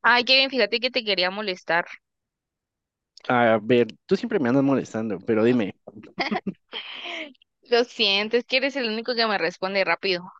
Ay, Kevin, fíjate que te quería molestar. A ver, tú siempre me andas molestando, pero dime, Lo siento, es que eres el único que me responde rápido.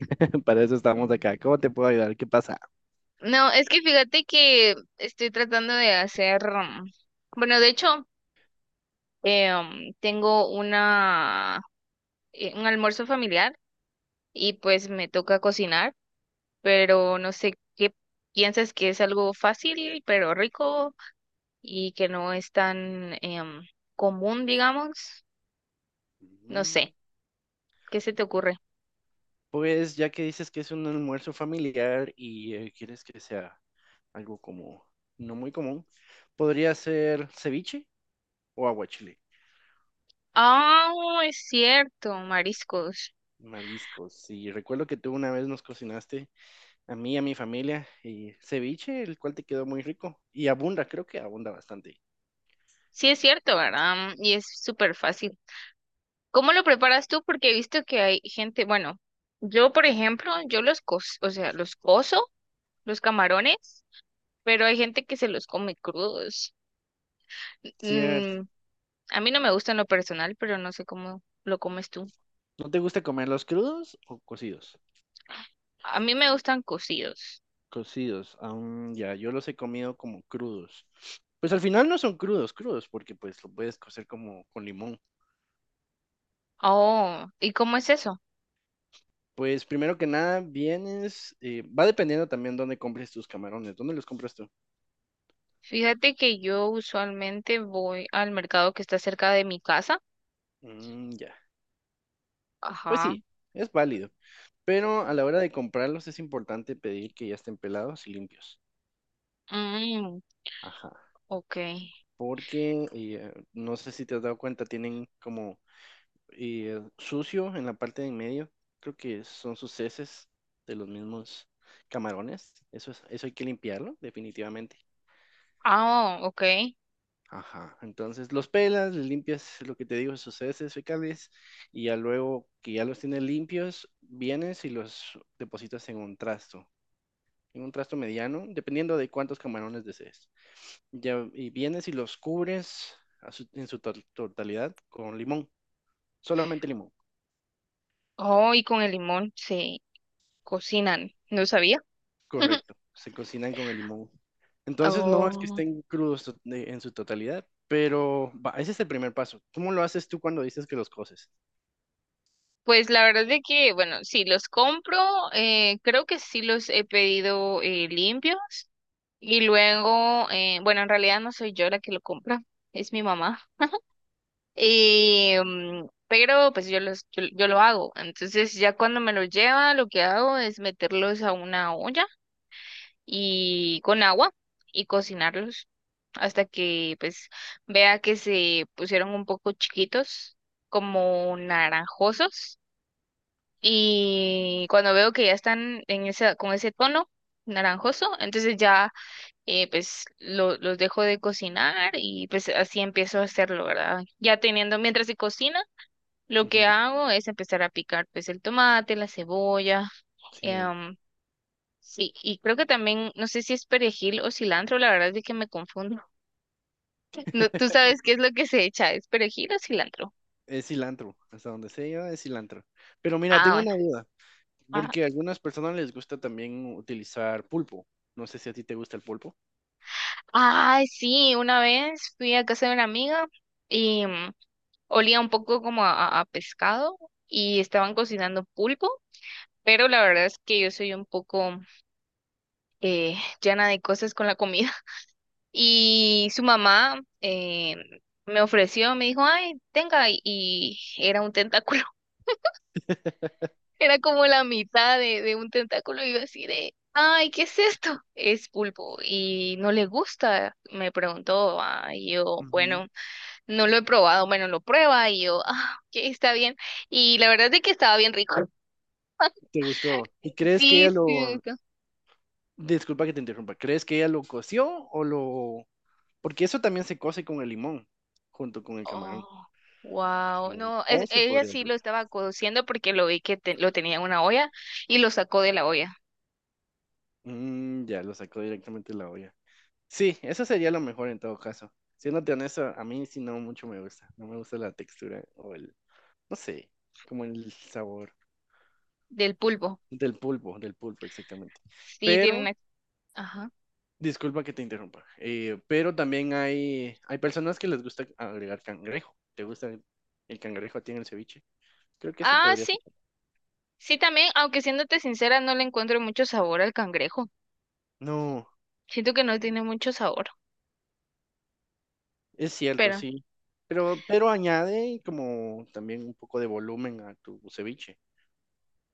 para eso estamos acá. ¿Cómo te puedo ayudar? ¿Qué pasa? No, es que fíjate que estoy tratando de hacer, bueno, de hecho, tengo una, un almuerzo familiar y pues me toca cocinar, pero no sé qué piensas que es algo fácil, pero rico y que no es tan común, digamos. No Mm. sé, ¿qué se te ocurre? Pues ya que dices que es un almuerzo familiar y quieres que sea algo como no muy común, podría ser ceviche o aguachile, Ah, es cierto, mariscos. mariscos. Y recuerdo que tú una vez nos cocinaste a mí y a mi familia y ceviche, el cual te quedó muy rico y abunda, creo que abunda bastante. Sí, es cierto, ¿verdad? Y es súper fácil. ¿Cómo lo preparas tú? Porque he visto que hay gente, bueno, yo, por ejemplo, yo los co, o sea, los coso, los camarones, pero hay gente que se los come crudos. Cierto. Mm, a mí no me gustan lo personal, pero no sé cómo lo comes tú. ¿No te gusta comerlos crudos o cocidos? A mí me gustan cocidos. Cocidos, aún ya, yo los he comido como crudos. Pues al final no son crudos, crudos, porque pues lo puedes cocer como con limón. Oh, ¿y cómo es eso? Pues primero que nada, va dependiendo también dónde compres tus camarones, dónde los compras tú. Fíjate que yo usualmente voy al mercado que está cerca de mi casa. Mm, ya, pues Ajá. sí, es válido, pero a la hora de comprarlos es importante pedir que ya estén pelados y limpios. Mm, Ajá, ok. porque no sé si te has dado cuenta, tienen como y sucio en la parte de en medio. Creo que son sus heces de los mismos camarones. Eso es, eso hay que limpiarlo, definitivamente. Ah, ok. Ajá. Entonces los pelas, les limpias lo que te digo, sus heces fecales, y ya luego que ya los tienes limpios, vienes y los depositas en un trasto. En un trasto mediano, dependiendo de cuántos camarones desees. Ya, y vienes y los cubres en su totalidad con limón. Solamente limón. Oh, y con el limón se cocinan. No sabía. Correcto. Se cocinan con el limón. Entonces no es que Oh, estén crudos en su totalidad, pero va, ese es el primer paso. ¿Cómo lo haces tú cuando dices que los coces? pues la verdad es que, bueno, sí, los compro, creo que sí los he pedido limpios y luego, bueno, en realidad no soy yo la que lo compra, es mi mamá. Y, pero pues yo lo hago. Entonces ya cuando me los lleva, lo que hago es meterlos a una olla y con agua y cocinarlos hasta que pues vea que se pusieron un poco chiquitos, como naranjosos. Y cuando veo que ya están en esa, con ese tono naranjoso, entonces ya pues los dejo de cocinar y pues así empiezo a hacerlo, ¿verdad? Ya teniendo, mientras se cocina, lo Ujú. que hago es empezar a picar pues el tomate, la cebolla, Sí, em, sí, y creo que también, no sé si es perejil o cilantro, la verdad es de que me confundo. No, ¿tú sabes qué es lo que se echa? ¿Es perejil o cilantro? es cilantro, hasta donde sé yo, es cilantro. Pero mira, Ah, tengo bueno. una duda, Ah, porque a algunas personas les gusta también utilizar pulpo. No sé si a ti te gusta el pulpo. ay, sí, una vez fui a casa de una amiga y olía un poco como a pescado y estaban cocinando pulpo, pero la verdad es que yo soy un poco llena de cosas con la comida. Y su mamá me ofreció, me dijo, ay, tenga, y era un tentáculo. Era como la mitad de un tentáculo y yo así de, ay, ¿qué es esto? Es pulpo y no le gusta, me preguntó. Ah, y yo, Ujú. bueno, no lo he probado, bueno, lo prueba y yo, ah, ok, está bien. Y la verdad es que estaba bien rico. ¿Te gustó? ¿Y crees que Sí, ella sí, me lo... gustó. Disculpa que te interrumpa, ¿crees que ella lo coció o lo... Porque eso también se cose con el limón, junto con el camarón. Oh, Ajá. wow, no, es, O se ella podría... sí lo estaba cociendo porque lo vi que lo tenía en una olla y lo sacó de la olla, ya lo sacó directamente de la olla. Sí, eso sería lo mejor en todo caso. Siéndote honesto, a mí sí no mucho me gusta. No me gusta la textura o el, no sé, como el sabor del pulpo. Del pulpo exactamente. Sí, tiene Pero, una... Ajá. disculpa que te interrumpa, pero también hay personas que les gusta agregar cangrejo. ¿Te gusta el cangrejo a ti en el ceviche? Creo que eso Ah, podría sí, ser. sí, también, aunque siéndote sincera, no le encuentro mucho sabor al cangrejo. No, Siento que no tiene mucho sabor, es cierto, pero sí. Pero, añade como también un poco de volumen a tu ceviche.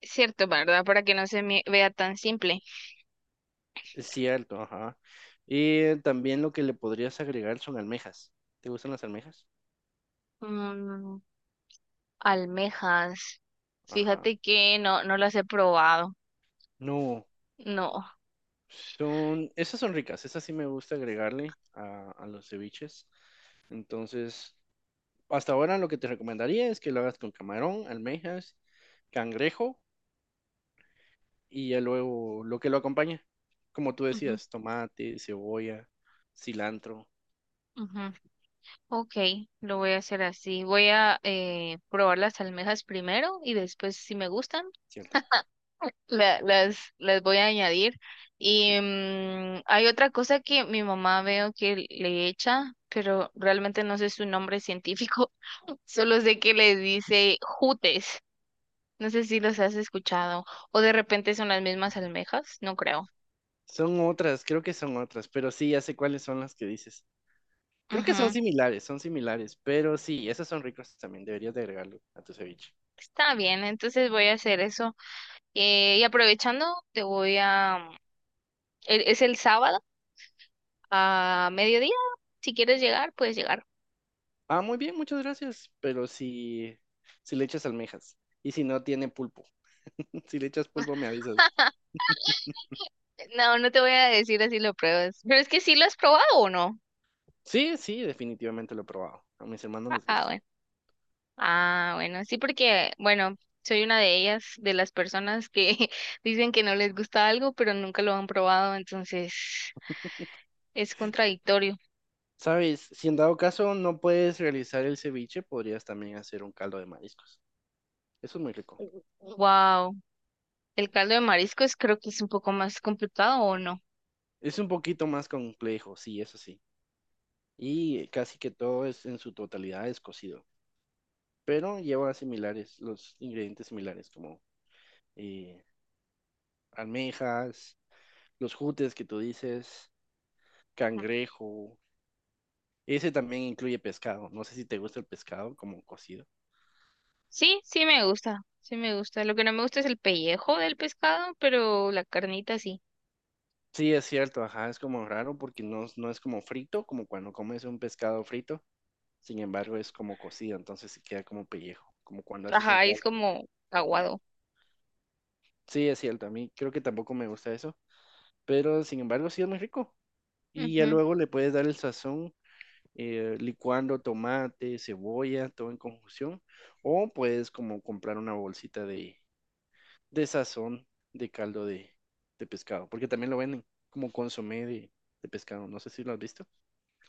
es cierto, ¿verdad? Para que no se me vea tan simple. Es cierto, ajá. Y también lo que le podrías agregar son almejas. ¿Te gustan las almejas? Mm, almejas. Ajá. Fíjate que no, no las he probado. No, No. Esas son ricas, esas sí me gusta agregarle a los ceviches. Entonces, hasta ahora lo que te recomendaría es que lo hagas con camarón, almejas, cangrejo y ya luego lo que lo acompaña. Como tú Ujú, decías, tomate, cebolla, cilantro, ujú. Ok, lo voy a hacer así. Voy a probar las almejas primero y después, si me gustan, ¿cierto? Las voy a añadir. Sí. Y hay otra cosa que mi mamá veo que le echa, pero realmente no sé su nombre científico, solo sé que le dice jutes. No sé si los has escuchado o de repente son las mismas almejas, no creo. Son otras, creo que son otras, pero sí, ya sé cuáles son las que dices. Creo que Ujú. Son similares, pero sí, esos son ricos también, deberías de agregarlo a tu ceviche. Está bien, entonces voy a hacer eso. Y aprovechando, te voy a... Es el sábado a mediodía. Si quieres llegar, puedes llegar. Ah, muy bien, muchas gracias, pero si le echas almejas y si no tiene pulpo, si le echas pulpo me avisas. No, no te voy a decir así lo pruebas. Pero es que sí lo has probado o no. Sí, sí, definitivamente lo he probado, a mis hermanos Ah, les ah, gusta. bueno. Ah, bueno, sí, porque, bueno, soy una de ellas, de las personas que dicen que no les gusta algo, pero nunca lo han probado, entonces es contradictorio. Sabes, si en dado caso no puedes realizar el ceviche, podrías también hacer un caldo de mariscos. Eso es muy rico. Wow. El caldo de mariscos creo que es un poco más complicado o no. Es un poquito más complejo, sí, eso sí. Y casi que todo es en su totalidad es cocido, pero lleva similares, los ingredientes similares como eh, almejas, los jutes que tú dices, Ajá. cangrejo. Ese también incluye pescado. No sé si te gusta el pescado como cocido. Sí, sí me gusta, sí me gusta. Lo que no me gusta es el pellejo del pescado, pero la carnita sí. Sí, es cierto, ajá, es como raro porque no, no es como frito, como cuando comes un pescado frito. Sin embargo, es como cocido, entonces se queda como pellejo, como cuando haces un Ajá, es caldo. como aguado. Sí, es cierto, a mí creo que tampoco me gusta eso, pero sin embargo, sí es muy rico. Y ya Ujú. luego le puedes dar el sazón licuando tomate, cebolla, todo en conjunción. O puedes como comprar una bolsita de sazón de caldo de pescado, porque también lo venden como consomé de pescado. No sé si lo has visto.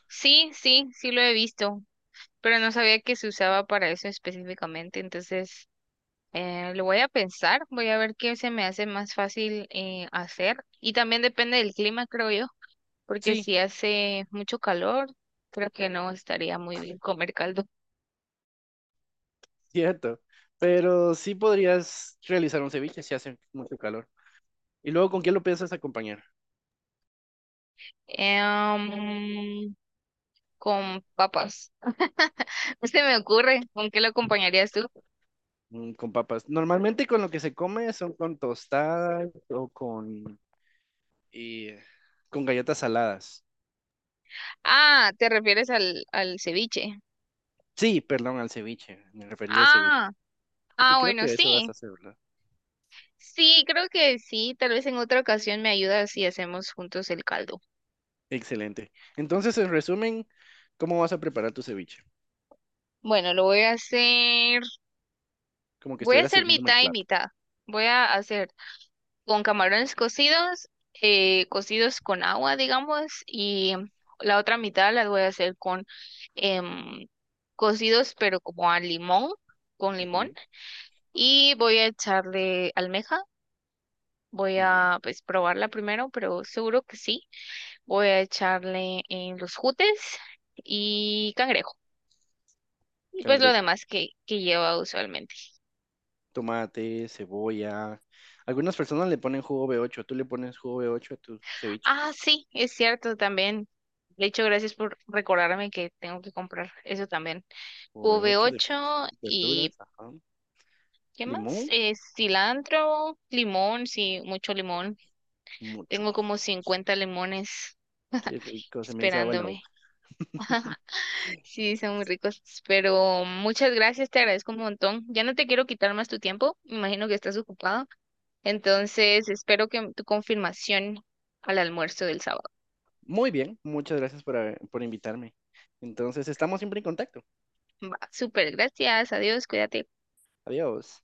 Sí, sí, sí lo he visto. Pero no sabía que se usaba para eso específicamente, entonces lo voy a pensar, voy a ver qué se me hace más fácil hacer y también depende del clima, creo yo, porque Sí, si hace mucho calor, creo que no estaría muy bien comer caldo. cierto. Pero sí podrías realizar un ceviche si hace mucho calor. ¿Y luego con qué lo piensas acompañar? Eh, um, con papas. No se me ocurre, ¿con qué lo acompañarías tú? Con papas. Normalmente con lo que se come son con tostadas o eh, con galletas saladas. Ah, ¿te refieres al ceviche? Sí, perdón, al ceviche. Me refería al ceviche. Ah, Porque ah, creo bueno, que sí, eso vas a hacer, ¿verdad? sí, creo que sí. Tal vez en otra ocasión me ayudas y hacemos juntos el caldo. Excelente. Entonces, en resumen, ¿cómo vas a preparar tu ceviche? Bueno, lo voy a hacer. Como que Voy a estuviera hacer sirviéndome el mitad y plato. mitad. Voy a hacer con camarones cocidos, cocidos con agua, digamos, y la otra mitad la voy a hacer con em, cocidos, pero como a limón, con limón. Ujú. Y voy a echarle almeja. Voy Muy bien. a pues probarla primero, pero seguro que sí. Voy a echarle en los jutes y cangrejo. Y pues lo Cangrejo, demás que lleva usualmente. tomate, cebolla. Algunas personas le ponen jugo B8. ¿Tú le pones jugo B8 a tu ceviche? Ah, sí, es cierto también. De hecho, gracias por recordarme que tengo que comprar eso también. Jugo v B8 de ocho verduras, y ajá. ¿qué más? Limón, Cilantro, limón, sí, mucho limón. mucho. Tengo como 50 limones Qué rico, se me hizo agua la boca. esperándome. Sí, son muy ricos. Pero muchas gracias, te agradezco un montón. Ya no te quiero quitar más tu tiempo. Me imagino que estás ocupado. Entonces, espero que tu confirmación al almuerzo del sábado. Muy bien, muchas gracias por invitarme. Entonces, estamos siempre en contacto. Va, súper, gracias, adiós, cuídate. Adiós.